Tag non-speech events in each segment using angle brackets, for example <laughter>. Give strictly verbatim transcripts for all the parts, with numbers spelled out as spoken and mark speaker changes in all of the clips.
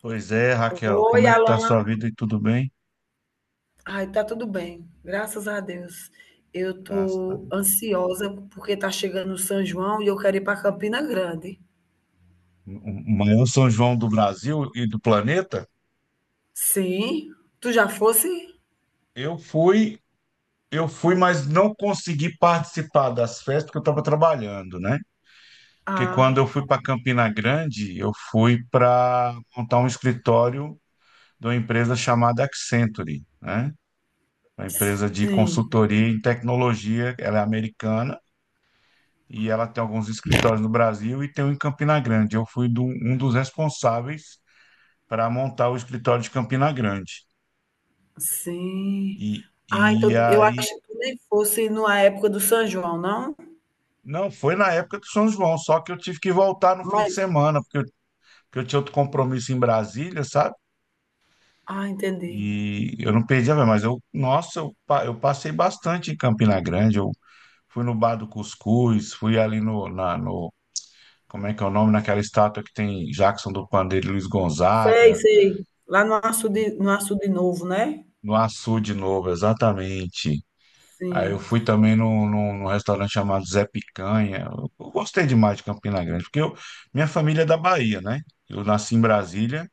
Speaker 1: Pois é, Raquel, como
Speaker 2: Oi,
Speaker 1: é que tá a
Speaker 2: Alan.
Speaker 1: sua vida e tudo bem?
Speaker 2: Ai, tá tudo bem, graças a Deus. Eu
Speaker 1: Graças a
Speaker 2: tô
Speaker 1: Deus.
Speaker 2: ansiosa porque tá chegando o São João e eu quero ir para Campina Grande.
Speaker 1: O maior São João do Brasil e do planeta.
Speaker 2: Sim, tu já fosse?
Speaker 1: Eu fui, eu fui, mas não consegui participar das festas porque eu estava trabalhando, né? Porque quando
Speaker 2: Ah,
Speaker 1: eu fui para Campina Grande, eu fui para montar um escritório de uma empresa chamada Accenture, né? Uma empresa de
Speaker 2: sim,
Speaker 1: consultoria em tecnologia, ela é americana e ela tem alguns escritórios no Brasil e tem um em Campina Grande. Eu fui do- um um dos responsáveis para montar o escritório de Campina Grande.
Speaker 2: sim.
Speaker 1: E,
Speaker 2: Ah,
Speaker 1: e
Speaker 2: então eu acho
Speaker 1: aí,
Speaker 2: que tu nem fosse na época do São João, não?
Speaker 1: não, foi na época do São João, só que eu tive que voltar no fim de
Speaker 2: Mas,
Speaker 1: semana, porque eu, porque eu tinha outro compromisso em Brasília, sabe?
Speaker 2: ah, entendi.
Speaker 1: E eu não perdi a ver, mas eu, nossa, eu, pa- eu passei bastante em Campina Grande. Eu fui no Bar do Cuscuz, fui ali no, na, no, como é que é o nome, naquela estátua que tem Jackson do Pandeiro e Luiz
Speaker 2: Sei,
Speaker 1: Gonzaga,
Speaker 2: sei. Lá no Açude, no Açude Novo, né?
Speaker 1: no Açu de novo, exatamente. Aí eu
Speaker 2: Sim.
Speaker 1: fui também num, num, num restaurante chamado Zé Picanha. Eu, eu gostei demais de Campina Grande, porque eu, minha família é da Bahia, né? Eu nasci em Brasília,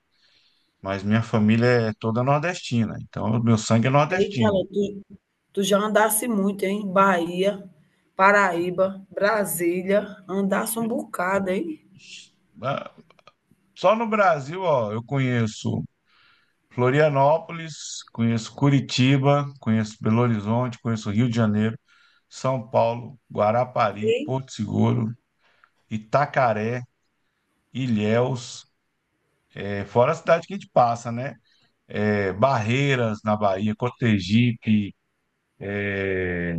Speaker 1: mas minha família é toda nordestina, então o meu sangue é
Speaker 2: Eita,
Speaker 1: nordestino.
Speaker 2: Alan, tu, Tu já andasse muito, hein? Bahia, Paraíba, Brasília, andasse um bocado, hein?
Speaker 1: Ah, só no Brasil, ó, eu conheço Florianópolis, conheço Curitiba, conheço Belo Horizonte, conheço Rio de Janeiro, São Paulo, Guarapari,
Speaker 2: Ei.
Speaker 1: Porto Seguro, Itacaré, Ilhéus, é, fora a cidade que a gente passa, né? é, Barreiras na Bahia, Cotegipe, é,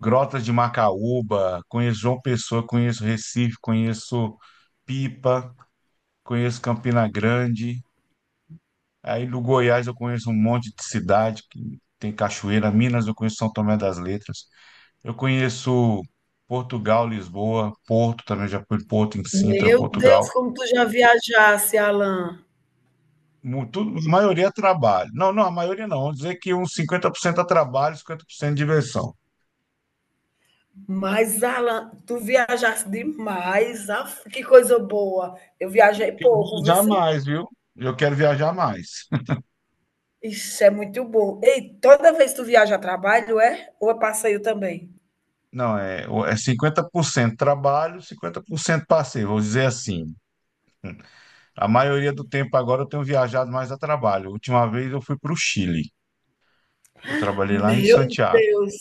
Speaker 1: Grotas de Macaúba, conheço João Pessoa, conheço Recife, conheço Pipa, conheço Campina Grande. Aí do Goiás eu conheço um monte de cidade que tem cachoeira, Minas eu conheço São Tomé das Letras. Eu conheço Portugal, Lisboa, Porto também, já fui em Porto em Sintra,
Speaker 2: Meu Deus,
Speaker 1: Portugal.
Speaker 2: como tu já viajasse, Alan.
Speaker 1: Mu- Tudo, a maioria é trabalho. Não, não, a maioria não. Vamos dizer que uns cinquenta por cento é trabalho, cinquenta por cento é diversão.
Speaker 2: Mas, Alan, tu viajasse demais. Aff, que coisa boa. Eu viajei
Speaker 1: Quero
Speaker 2: pouco, viu?
Speaker 1: viajar
Speaker 2: sim?
Speaker 1: mais, viu? Eu quero viajar mais.
Speaker 2: Isso é muito bom. Ei, toda vez que tu viaja a trabalho, é? Ou é passeio também?
Speaker 1: <laughs> Não, é, o- é cinquenta por cento trabalho, cinquenta por cento passeio, vou dizer assim. A maioria do tempo agora eu tenho viajado mais a trabalho. A última vez eu fui para o Chile. Eu trabalhei lá em
Speaker 2: Meu
Speaker 1: Santiago.
Speaker 2: Deus,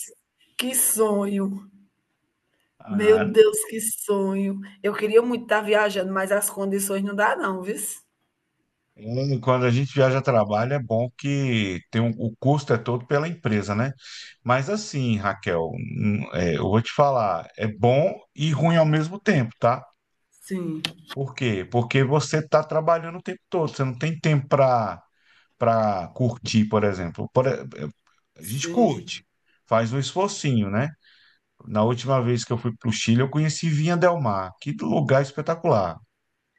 Speaker 2: que sonho. Meu
Speaker 1: Ah,
Speaker 2: Deus, que sonho. Eu queria muito estar viajando, mas as condições não dá não, viu?
Speaker 1: é, quando a gente viaja a trabalho é bom que tem um- o custo é todo pela empresa, né? Mas assim, Raquel, hum, é, eu vou te falar, é bom e ruim ao mesmo tempo, tá?
Speaker 2: Sim,
Speaker 1: Por quê? Porque você está trabalhando o tempo todo, você não tem tempo para para curtir, por exemplo. Por e- eh, a gente
Speaker 2: sim.
Speaker 1: curte, faz um esforcinho, né? Na última vez que eu fui para o Chile, eu conheci Vinha Del Mar. Que lugar espetacular.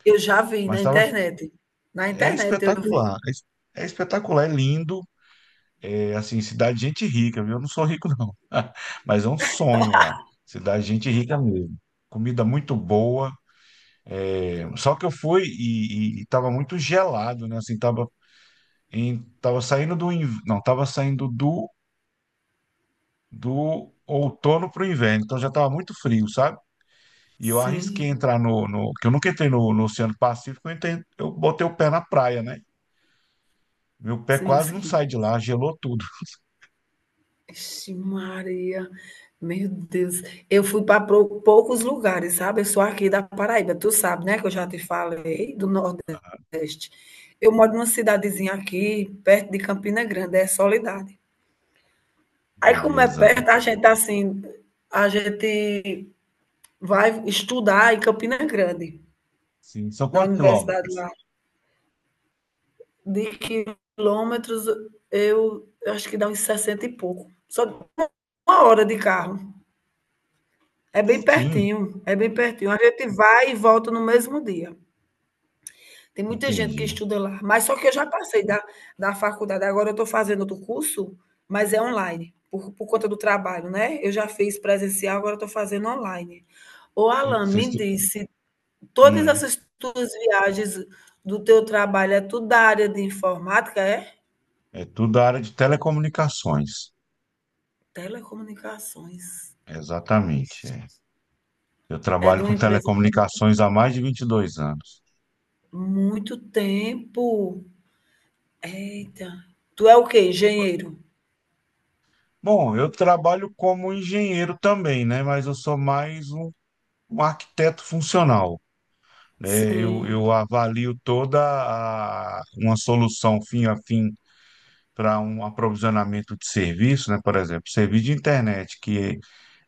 Speaker 2: Eu já vi na
Speaker 1: Mas tava,
Speaker 2: internet. Na
Speaker 1: é
Speaker 2: internet eu vi.
Speaker 1: espetacular, é, es- é espetacular, é lindo. É assim, cidade de gente rica, viu? Eu não sou rico, não. <laughs> Mas é um sonho lá. Cidade de gente rica mesmo. Comida muito boa. É, só que eu fui e, e, e tava muito gelado, né? Assim, tava em- tava saindo do inv- não, tava saindo do do outono para o inverno, então já tava muito frio, sabe? E eu arrisquei
Speaker 2: Sim,
Speaker 1: entrar no, no que eu nunca entrei no, no Oceano Pacífico, eu, entrei- eu botei o pé na praia, né? Meu pé
Speaker 2: sim,
Speaker 1: quase não
Speaker 2: sim.
Speaker 1: sai de lá, gelou tudo.
Speaker 2: Vixe Maria, meu Deus. Eu fui para poucos lugares, sabe? Eu sou aqui da Paraíba, tu sabe, né, que eu já te falei, do Nordeste. Eu moro numa cidadezinha aqui, perto de Campina Grande, é Soledade. Aí como é
Speaker 1: Beleza.
Speaker 2: perto, a gente, assim, a gente vai estudar em Campina Grande,
Speaker 1: Sim, são
Speaker 2: na
Speaker 1: quantos
Speaker 2: universidade
Speaker 1: quilômetros?
Speaker 2: lá. De quilômetros, eu, eu acho que dá uns sessenta e pouco. Só uma hora de carro. É bem
Speaker 1: Pertinho,
Speaker 2: pertinho, é bem pertinho. A gente vai e volta no mesmo dia. Tem muita gente que
Speaker 1: entendi.
Speaker 2: estuda lá. Mas só que eu já passei da, da faculdade. Agora eu estou fazendo outro curso, mas é online, por, por conta do trabalho, né? Eu já fiz presencial, agora estou fazendo online. Ô,
Speaker 1: Cê-
Speaker 2: Alan,
Speaker 1: cês
Speaker 2: me
Speaker 1: tu-
Speaker 2: disse, todas
Speaker 1: hum,
Speaker 2: essas tuas viagens do teu trabalho é tudo da área de informática, é?
Speaker 1: é tudo da área de telecomunicações.
Speaker 2: Telecomunicações.
Speaker 1: Exatamente, é. Eu
Speaker 2: É de
Speaker 1: trabalho
Speaker 2: uma
Speaker 1: com
Speaker 2: empresa que tem
Speaker 1: telecomunicações há mais de vinte e dois anos.
Speaker 2: muito tempo. Eita. Tu é o quê? Engenheiro?
Speaker 1: Bom, eu trabalho como engenheiro também, né? Mas eu sou mais um, um arquiteto funcional, né? Eu,
Speaker 2: Sim,
Speaker 1: eu avalio toda a, uma solução fim a fim para um aprovisionamento de serviço, né? Por exemplo, serviço de internet que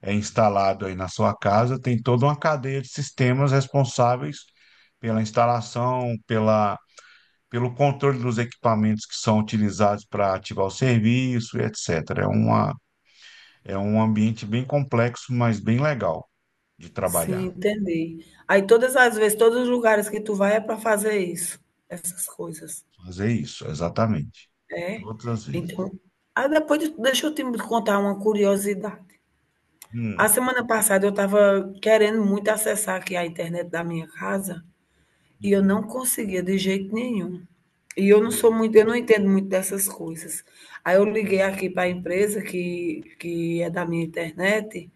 Speaker 1: é instalado aí na sua casa tem toda uma cadeia de sistemas responsáveis pela instalação, pela, pelo controle dos equipamentos que são utilizados para ativar o serviço, etcétera. É uma é um ambiente bem complexo, mas bem legal de
Speaker 2: sim,
Speaker 1: trabalhar.
Speaker 2: entendi. Aí todas as vezes, todos os lugares que tu vai é para fazer isso, essas coisas.
Speaker 1: Fazer isso, exatamente.
Speaker 2: É?
Speaker 1: Todas as
Speaker 2: Então,
Speaker 1: vezes.
Speaker 2: ah, depois de- deixa eu te contar uma curiosidade. A
Speaker 1: Hum.
Speaker 2: semana passada eu estava querendo muito acessar aqui a internet da minha casa e eu não
Speaker 1: Uhum.
Speaker 2: conseguia de jeito nenhum. E eu não sou
Speaker 1: Uhum.
Speaker 2: muito, eu não entendo muito dessas coisas. Aí eu liguei aqui para a empresa que, que é da minha internet,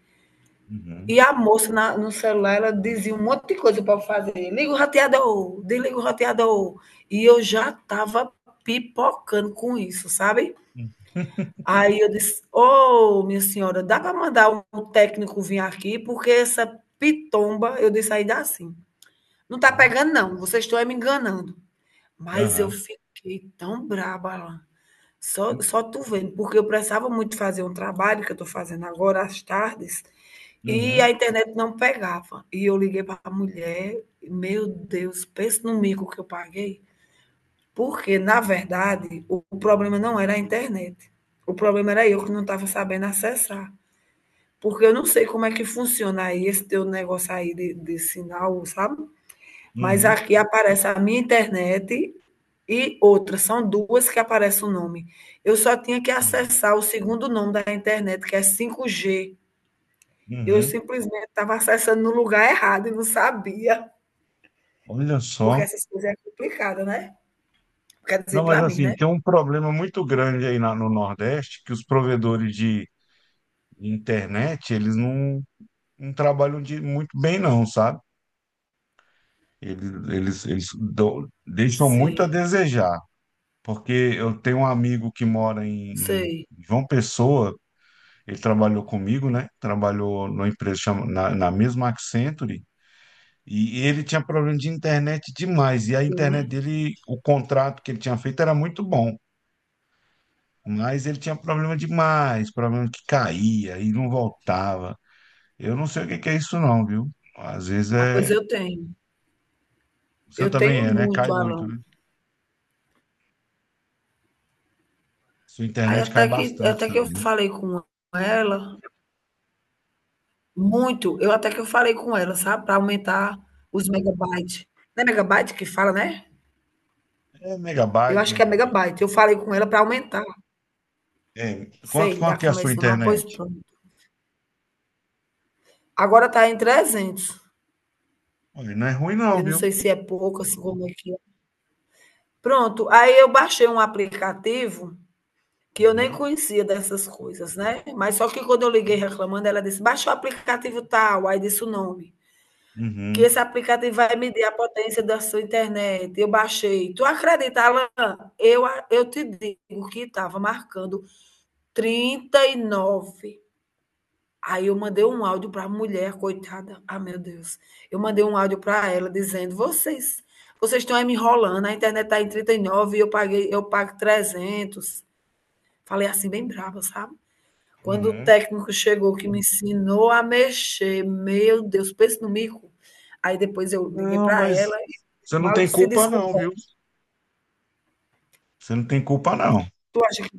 Speaker 1: Uhum.
Speaker 2: e a moça na- no celular ela dizia um monte de coisa para eu fazer. Liga o roteador, desliga o roteador. E eu já estava pipocando com isso, sabe?
Speaker 1: Uhum. <laughs>
Speaker 2: Aí eu disse: Ô, minha senhora, dá para mandar um técnico vir aqui, porque essa pitomba, eu disse aí dá sim. Não está
Speaker 1: Uhum.
Speaker 2: pegando, não, vocês estão é me enganando. Mas eu
Speaker 1: Aham.
Speaker 2: fiquei tão braba lá, só, só tu vendo, porque eu precisava muito fazer um trabalho que eu estou fazendo agora às tardes e a
Speaker 1: Uhum.
Speaker 2: internet não pegava. E eu liguei para a mulher, meu Deus, pensa no mico que eu paguei. Porque, na verdade, o problema não era a internet. O problema era eu que não estava sabendo acessar. Porque eu não sei como é que funciona aí esse teu negócio aí de, de sinal, sabe? Mas
Speaker 1: Uhum.
Speaker 2: aqui aparece a minha internet e outra. São duas que aparece o nome. Eu só tinha que
Speaker 1: Uhum.
Speaker 2: acessar o segundo nome da internet, que é cinco g. Eu
Speaker 1: Uhum.
Speaker 2: simplesmente estava acessando no lugar errado e não sabia.
Speaker 1: Olha
Speaker 2: Porque
Speaker 1: só.
Speaker 2: essas coisas é complicada, né? Quer
Speaker 1: Não,
Speaker 2: dizer,
Speaker 1: mas
Speaker 2: para mim,
Speaker 1: assim,
Speaker 2: né?
Speaker 1: tem um problema muito grande aí na- no Nordeste, que os provedores de internet, eles não, não trabalham de, muito bem não, sabe? Eles, eles, eles dão- deixam muito
Speaker 2: Sim,
Speaker 1: a desejar. Porque eu tenho um amigo que mora em
Speaker 2: sei.
Speaker 1: em João Pessoa, ele trabalhou comigo, né? Trabalhou numa empresa chama- na, na mesma Accenture, e ele tinha problema de internet demais, e a internet
Speaker 2: Sim.
Speaker 1: dele, o contrato que ele tinha feito era muito bom, mas ele tinha problema demais, problema que caía e não voltava. Eu não sei o que que é isso não, viu? Às vezes
Speaker 2: Ah, pois
Speaker 1: é...
Speaker 2: eu tenho.
Speaker 1: O seu
Speaker 2: Eu
Speaker 1: também
Speaker 2: tenho
Speaker 1: é, né?
Speaker 2: muito,
Speaker 1: Cai muito,
Speaker 2: Alan.
Speaker 1: né? Sua
Speaker 2: Aí
Speaker 1: internet
Speaker 2: até
Speaker 1: cai
Speaker 2: que
Speaker 1: bastante
Speaker 2: até que eu
Speaker 1: também, né?
Speaker 2: falei com ela muito, eu até que eu falei com ela, sabe, para aumentar os megabytes. Não é megabyte que fala, né?
Speaker 1: É
Speaker 2: Eu
Speaker 1: megabyte,
Speaker 2: acho que é
Speaker 1: megabit.
Speaker 2: megabyte. Eu falei com ela para aumentar.
Speaker 1: É, quanto,
Speaker 2: Sei lá
Speaker 1: quanto que é a
Speaker 2: como é
Speaker 1: sua
Speaker 2: esse nome, mas pois
Speaker 1: internet?
Speaker 2: pronto. Agora tá em trezentos.
Speaker 1: Olha, não é ruim não,
Speaker 2: Eu não
Speaker 1: viu?
Speaker 2: sei se é pouco, assim, como é que é. Pronto, aí eu baixei um aplicativo que eu nem
Speaker 1: Uhum.
Speaker 2: conhecia dessas coisas, né? Mas só que quando eu liguei reclamando, ela disse: baixa o aplicativo tal, aí disse o nome, que
Speaker 1: Uhum.
Speaker 2: esse aplicativo vai medir a potência da sua internet. Eu baixei. Tu acredita, Alan? Eu, eu te digo que estava marcando trinta e nove. Aí eu mandei um áudio para a mulher, coitada. Ah, meu Deus. Eu mandei um áudio para ela dizendo: vocês vocês estão aí me enrolando, a internet está em trinta e nove e eu paguei, eu pago trezentos. Falei assim, bem brava, sabe? Quando o
Speaker 1: Uhum.
Speaker 2: técnico chegou que me ensinou a mexer, meu Deus, pense no mico. Aí depois eu liguei
Speaker 1: Não,
Speaker 2: para ela
Speaker 1: mas
Speaker 2: e
Speaker 1: você não
Speaker 2: mal
Speaker 1: tem
Speaker 2: se
Speaker 1: culpa não, viu?
Speaker 2: desculpou.
Speaker 1: Você não tem culpa não.
Speaker 2: Tu acha que...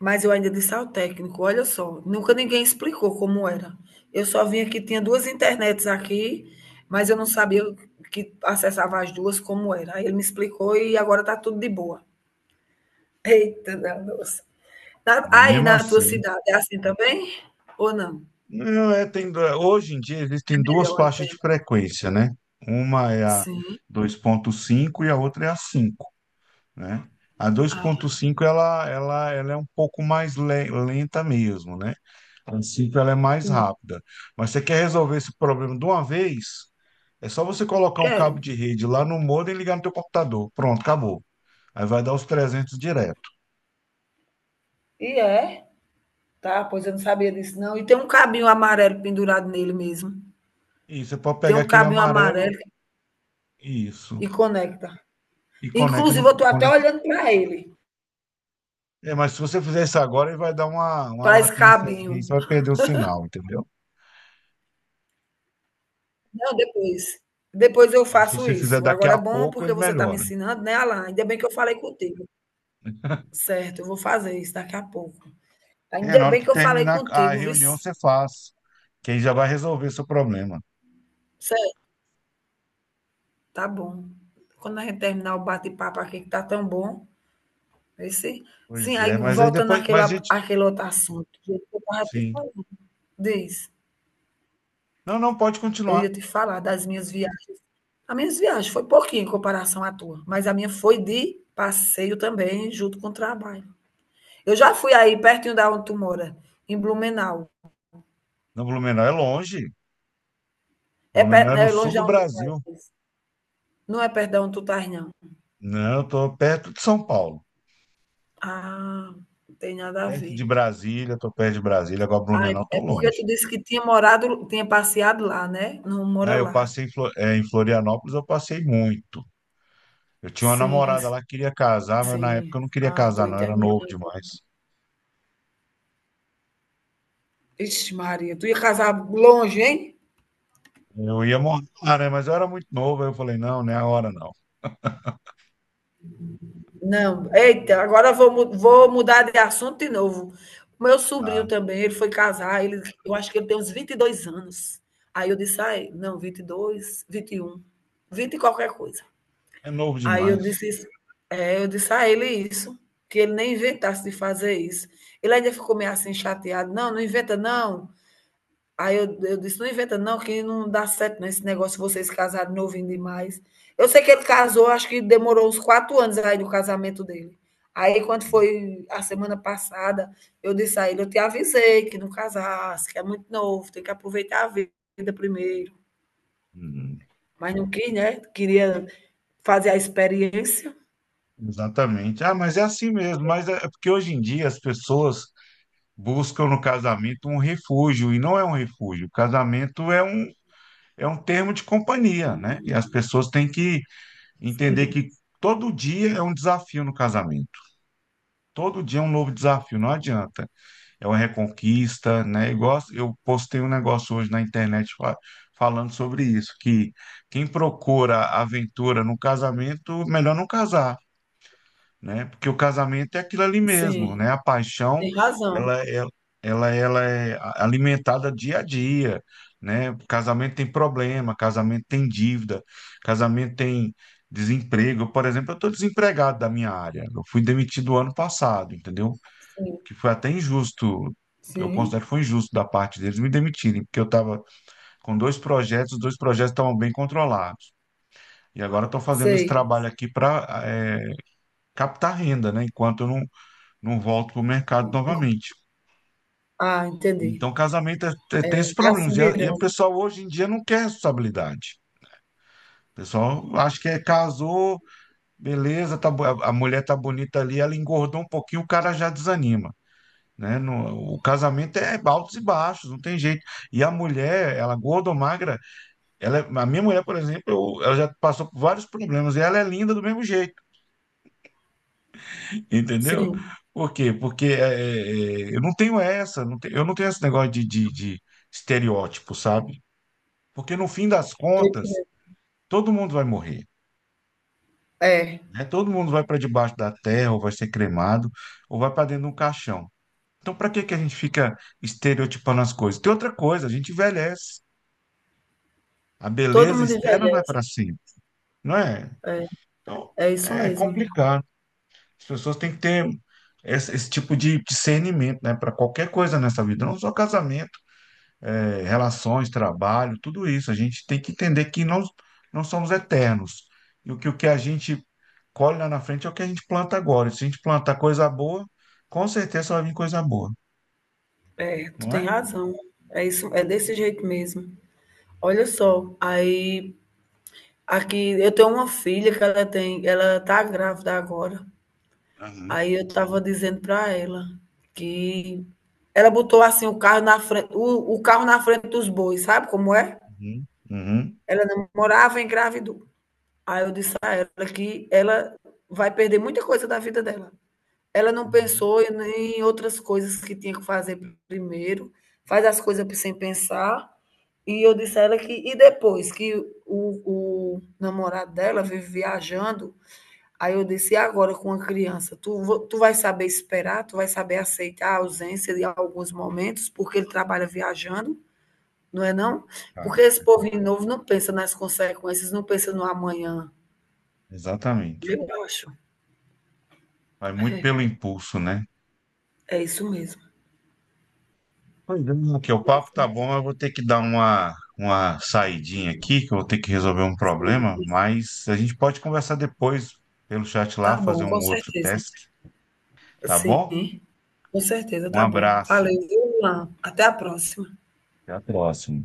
Speaker 2: Mas eu ainda disse ao técnico, olha só, nunca ninguém explicou como era. Eu só vim aqui, tinha duas internets aqui, mas eu não sabia que acessava as duas como era. Aí ele me explicou e agora tá tudo de boa. Eita, nossa.
Speaker 1: Mas
Speaker 2: Aí
Speaker 1: mesmo
Speaker 2: na tua
Speaker 1: assim,
Speaker 2: cidade é assim também? Ou não?
Speaker 1: não é, tem, du- hoje em dia
Speaker 2: É
Speaker 1: existem duas
Speaker 2: melhor a
Speaker 1: faixas de
Speaker 2: internet?
Speaker 1: frequência, né? Uma é a
Speaker 2: Sim.
Speaker 1: dois ponto cinco e a outra é a cinco. Né? A
Speaker 2: Ah,
Speaker 1: dois ponto cinco ela, ela, ela é um pouco mais le- lenta mesmo, né? A cinco ela é mais
Speaker 2: sim,
Speaker 1: rápida. Mas você quer resolver esse problema de uma vez? É só você colocar um
Speaker 2: quero.
Speaker 1: cabo de rede lá no modem e ligar no teu computador. Pronto, acabou. Aí vai dar os trezentos direto.
Speaker 2: E é? Tá, pois eu não sabia disso não. E tem um cabinho amarelo pendurado nele mesmo.
Speaker 1: E você pode
Speaker 2: Tem
Speaker 1: pegar
Speaker 2: um
Speaker 1: aquele
Speaker 2: cabinho
Speaker 1: amarelo,
Speaker 2: amarelo e
Speaker 1: isso,
Speaker 2: conecta.
Speaker 1: e conecta
Speaker 2: Inclusive,
Speaker 1: no
Speaker 2: eu estou até
Speaker 1: conecta.
Speaker 2: olhando para ele,
Speaker 1: É, mas se você fizer isso agora, ele vai dar uma, uma
Speaker 2: para esse
Speaker 1: latênciazinha aí, você
Speaker 2: cabinho.
Speaker 1: vai perder o sinal, entendeu?
Speaker 2: Não, depois. Depois eu
Speaker 1: Mas se
Speaker 2: faço
Speaker 1: você fizer
Speaker 2: isso.
Speaker 1: daqui
Speaker 2: Agora é
Speaker 1: a
Speaker 2: bom
Speaker 1: pouco,
Speaker 2: porque
Speaker 1: ele
Speaker 2: você está me
Speaker 1: melhora.
Speaker 2: ensinando, né, Alan? Ainda bem que eu falei contigo. Certo, eu vou fazer isso daqui a pouco.
Speaker 1: É,
Speaker 2: Ainda
Speaker 1: na hora
Speaker 2: bem
Speaker 1: que
Speaker 2: que eu falei
Speaker 1: terminar a
Speaker 2: contigo, viu?
Speaker 1: reunião, você faz. Que aí já vai resolver seu problema.
Speaker 2: Certo, tá bom. Quando a gente terminar o bate-papo aqui, que tá tão bom. Aí sim, sim,
Speaker 1: Pois
Speaker 2: aí
Speaker 1: é, mas aí
Speaker 2: voltando
Speaker 1: depois.
Speaker 2: àquele,
Speaker 1: Mas,
Speaker 2: a-
Speaker 1: gente,
Speaker 2: àquele outro assunto que eu estava te
Speaker 1: sim.
Speaker 2: falando, diz,
Speaker 1: Não, não, pode
Speaker 2: eu
Speaker 1: continuar.
Speaker 2: ia te falar das minhas viagens. As minhas viagens foi pouquinho em comparação à tua, mas a minha foi de passeio também, junto com o trabalho. Eu já fui aí pertinho da onde tu mora, em Blumenau.
Speaker 1: Não, Blumenau é longe.
Speaker 2: É,
Speaker 1: Blumenau
Speaker 2: per-
Speaker 1: é
Speaker 2: é
Speaker 1: no sul
Speaker 2: longe de
Speaker 1: do
Speaker 2: onde tu
Speaker 1: Brasil.
Speaker 2: estás. Não é perto de onde tu estás, não.
Speaker 1: Não, eu tô perto de São Paulo.
Speaker 2: Ah, não tem nada a
Speaker 1: Perto de
Speaker 2: ver.
Speaker 1: Brasília, tô perto de Brasília. Agora,
Speaker 2: Ah,
Speaker 1: Blumenau,
Speaker 2: é
Speaker 1: tô
Speaker 2: porque tu
Speaker 1: longe.
Speaker 2: disse que tinha morado, tinha passeado lá, né? Não
Speaker 1: Não,
Speaker 2: mora
Speaker 1: eu
Speaker 2: lá.
Speaker 1: passei em Flo- eh, em Florianópolis, eu passei muito. Eu tinha uma
Speaker 2: Sim,
Speaker 1: namorada lá que queria casar, mas na época eu
Speaker 2: sim.
Speaker 1: não queria
Speaker 2: Ah, tô
Speaker 1: casar, não. Eu era
Speaker 2: entendendo.
Speaker 1: novo demais.
Speaker 2: Ixi, Maria, tu ia casar longe, hein?
Speaker 1: Eu ia morar, lá, né? Mas eu era muito novo. Aí eu falei, não, não é a hora, não.
Speaker 2: Não, eita, agora vou, mu- vou mudar de assunto de novo. O meu sobrinho
Speaker 1: Ah,
Speaker 2: também, ele foi casar, ele, eu acho que ele tem uns vinte e dois anos. Aí eu disse, ai, não, vinte e vinte e um, vinte e um, vinte e qualquer coisa.
Speaker 1: é novo
Speaker 2: Aí eu
Speaker 1: demais.
Speaker 2: disse, isso- é, eu disse a ele isso, que ele nem inventasse de fazer isso. Ele ainda ficou meio assim chateado, não, não inventa não. Aí eu, eu disse, não inventa não, que não dá certo não, esse negócio, vocês casaram novinho demais. Eu sei que ele casou, acho que demorou uns quatro anos aí do casamento dele. Aí quando foi a semana passada, eu disse a ele, eu te avisei que não casasse, que é muito novo, tem que aproveitar a vida primeiro.
Speaker 1: Uhum.
Speaker 2: Mas não quis, né? Queria fazer a experiência.
Speaker 1: Exatamente. Ah, mas é assim mesmo. Mas é é porque hoje em dia as pessoas buscam no casamento um refúgio, e não é um refúgio. O casamento é um, é um termo de companhia, né? E as pessoas têm que entender
Speaker 2: Sim,
Speaker 1: que todo dia é um desafio no casamento. Todo dia é um novo desafio, não adianta. É uma reconquista, né? Igual eu postei um negócio hoje na internet fa- falando sobre isso, que quem procura aventura no casamento, melhor não casar. Né? Porque o casamento é aquilo ali mesmo,
Speaker 2: sim,
Speaker 1: né? A paixão,
Speaker 2: tem razão.
Speaker 1: ela é, ela, ela é a- alimentada dia a dia, né? Casamento tem problema, casamento tem dívida, casamento tem desemprego. Eu, por exemplo, eu estou desempregado da minha área. Eu fui demitido ano passado, entendeu?
Speaker 2: Sim,
Speaker 1: Que foi até injusto. Eu considero que
Speaker 2: sim,
Speaker 1: foi injusto da parte deles me demitirem, porque eu estava com dois projetos, os dois projetos estavam bem controlados. E agora estou fazendo esse
Speaker 2: sei.
Speaker 1: trabalho aqui para captar renda, né? Enquanto eu não não volto para o mercado novamente.
Speaker 2: Ah, entendi.
Speaker 1: Então, casamento é- é- tem esses
Speaker 2: Tá se
Speaker 1: problemas. E a, e a
Speaker 2: virando.
Speaker 1: pessoa hoje em dia não quer responsabilidade. O pessoal acha que é casou, beleza, tá, bo- a a mulher tá bonita ali, ela engordou um pouquinho, o cara já desanima. Né? No- o casamento é altos e baixos, não tem jeito. E a mulher, ela gorda ou magra, ela, é- a minha mulher, por exemplo, eu- ela já passou por vários problemas e ela é linda do mesmo jeito. Entendeu?
Speaker 2: Sim,
Speaker 1: Por quê? Porque é, é, é, eu não tenho essa, não te- eu não tenho esse negócio de, de, de estereótipo, sabe? Porque no fim das
Speaker 2: tô
Speaker 1: contas,
Speaker 2: entendendo.
Speaker 1: todo mundo vai morrer,
Speaker 2: É.
Speaker 1: né? Todo mundo vai para debaixo da terra, ou vai ser cremado, ou vai para dentro de um caixão. Então, para que que a gente fica estereotipando as coisas? Tem outra coisa, a gente envelhece. A
Speaker 2: Todo
Speaker 1: beleza
Speaker 2: mundo
Speaker 1: externa não é
Speaker 2: envelhece.
Speaker 1: para sempre, não é? Então,
Speaker 2: É isso
Speaker 1: é
Speaker 2: mesmo.
Speaker 1: complicado. As pessoas têm que ter esse, esse tipo de discernimento, né? Para qualquer coisa nessa vida, não só casamento. É, relações, trabalho, tudo isso. A gente tem que entender que nós não somos eternos. E o que, o que a gente colhe lá na frente é o que a gente planta agora. E se a gente plantar coisa boa, com certeza vai vir coisa boa,
Speaker 2: É, tu
Speaker 1: não
Speaker 2: tem
Speaker 1: é?
Speaker 2: razão. É isso, é desse jeito mesmo. Olha só, aí aqui eu tenho uma filha que ela tem, ela tá grávida agora.
Speaker 1: Aham.
Speaker 2: Aí eu tava dizendo para ela que ela botou assim o carro na frente, o, o carro na frente dos bois, sabe como é?
Speaker 1: Uhum. Uhum.
Speaker 2: Ela namorava e engravidou. Aí eu disse a ela que ela vai perder muita coisa da vida dela. Ela não
Speaker 1: Uhum.
Speaker 2: pensou em em outras coisas que tinha que fazer primeiro, faz as coisas sem pensar. E eu disse a ela que. E depois que o, o namorado dela vive viajando, aí eu disse: e agora com a criança? Tu, tu vai saber esperar, tu vai saber aceitar a ausência de alguns momentos, porque ele trabalha viajando, não é não?
Speaker 1: Cara,
Speaker 2: Porque esse
Speaker 1: é
Speaker 2: povo
Speaker 1: com-
Speaker 2: novo não pensa nas consequências, não pensa no amanhã.
Speaker 1: exatamente.
Speaker 2: Eu acho.
Speaker 1: Vai muito
Speaker 2: É,
Speaker 1: pelo impulso, né?
Speaker 2: é isso mesmo.
Speaker 1: Pois é. Aqui, o
Speaker 2: É
Speaker 1: papo
Speaker 2: isso
Speaker 1: tá
Speaker 2: mesmo.
Speaker 1: bom, mas eu vou ter que dar uma, uma saidinha aqui, que eu vou ter que resolver um
Speaker 2: Sim.
Speaker 1: problema, mas a gente pode conversar depois pelo chat lá,
Speaker 2: Tá
Speaker 1: fazer
Speaker 2: bom,
Speaker 1: um
Speaker 2: com
Speaker 1: outro
Speaker 2: certeza.
Speaker 1: teste. Tá
Speaker 2: Sim,
Speaker 1: bom?
Speaker 2: com certeza,
Speaker 1: Um
Speaker 2: tá bom.
Speaker 1: abraço,
Speaker 2: Valeu, viu, Luan? Até a próxima.
Speaker 1: até a próxima.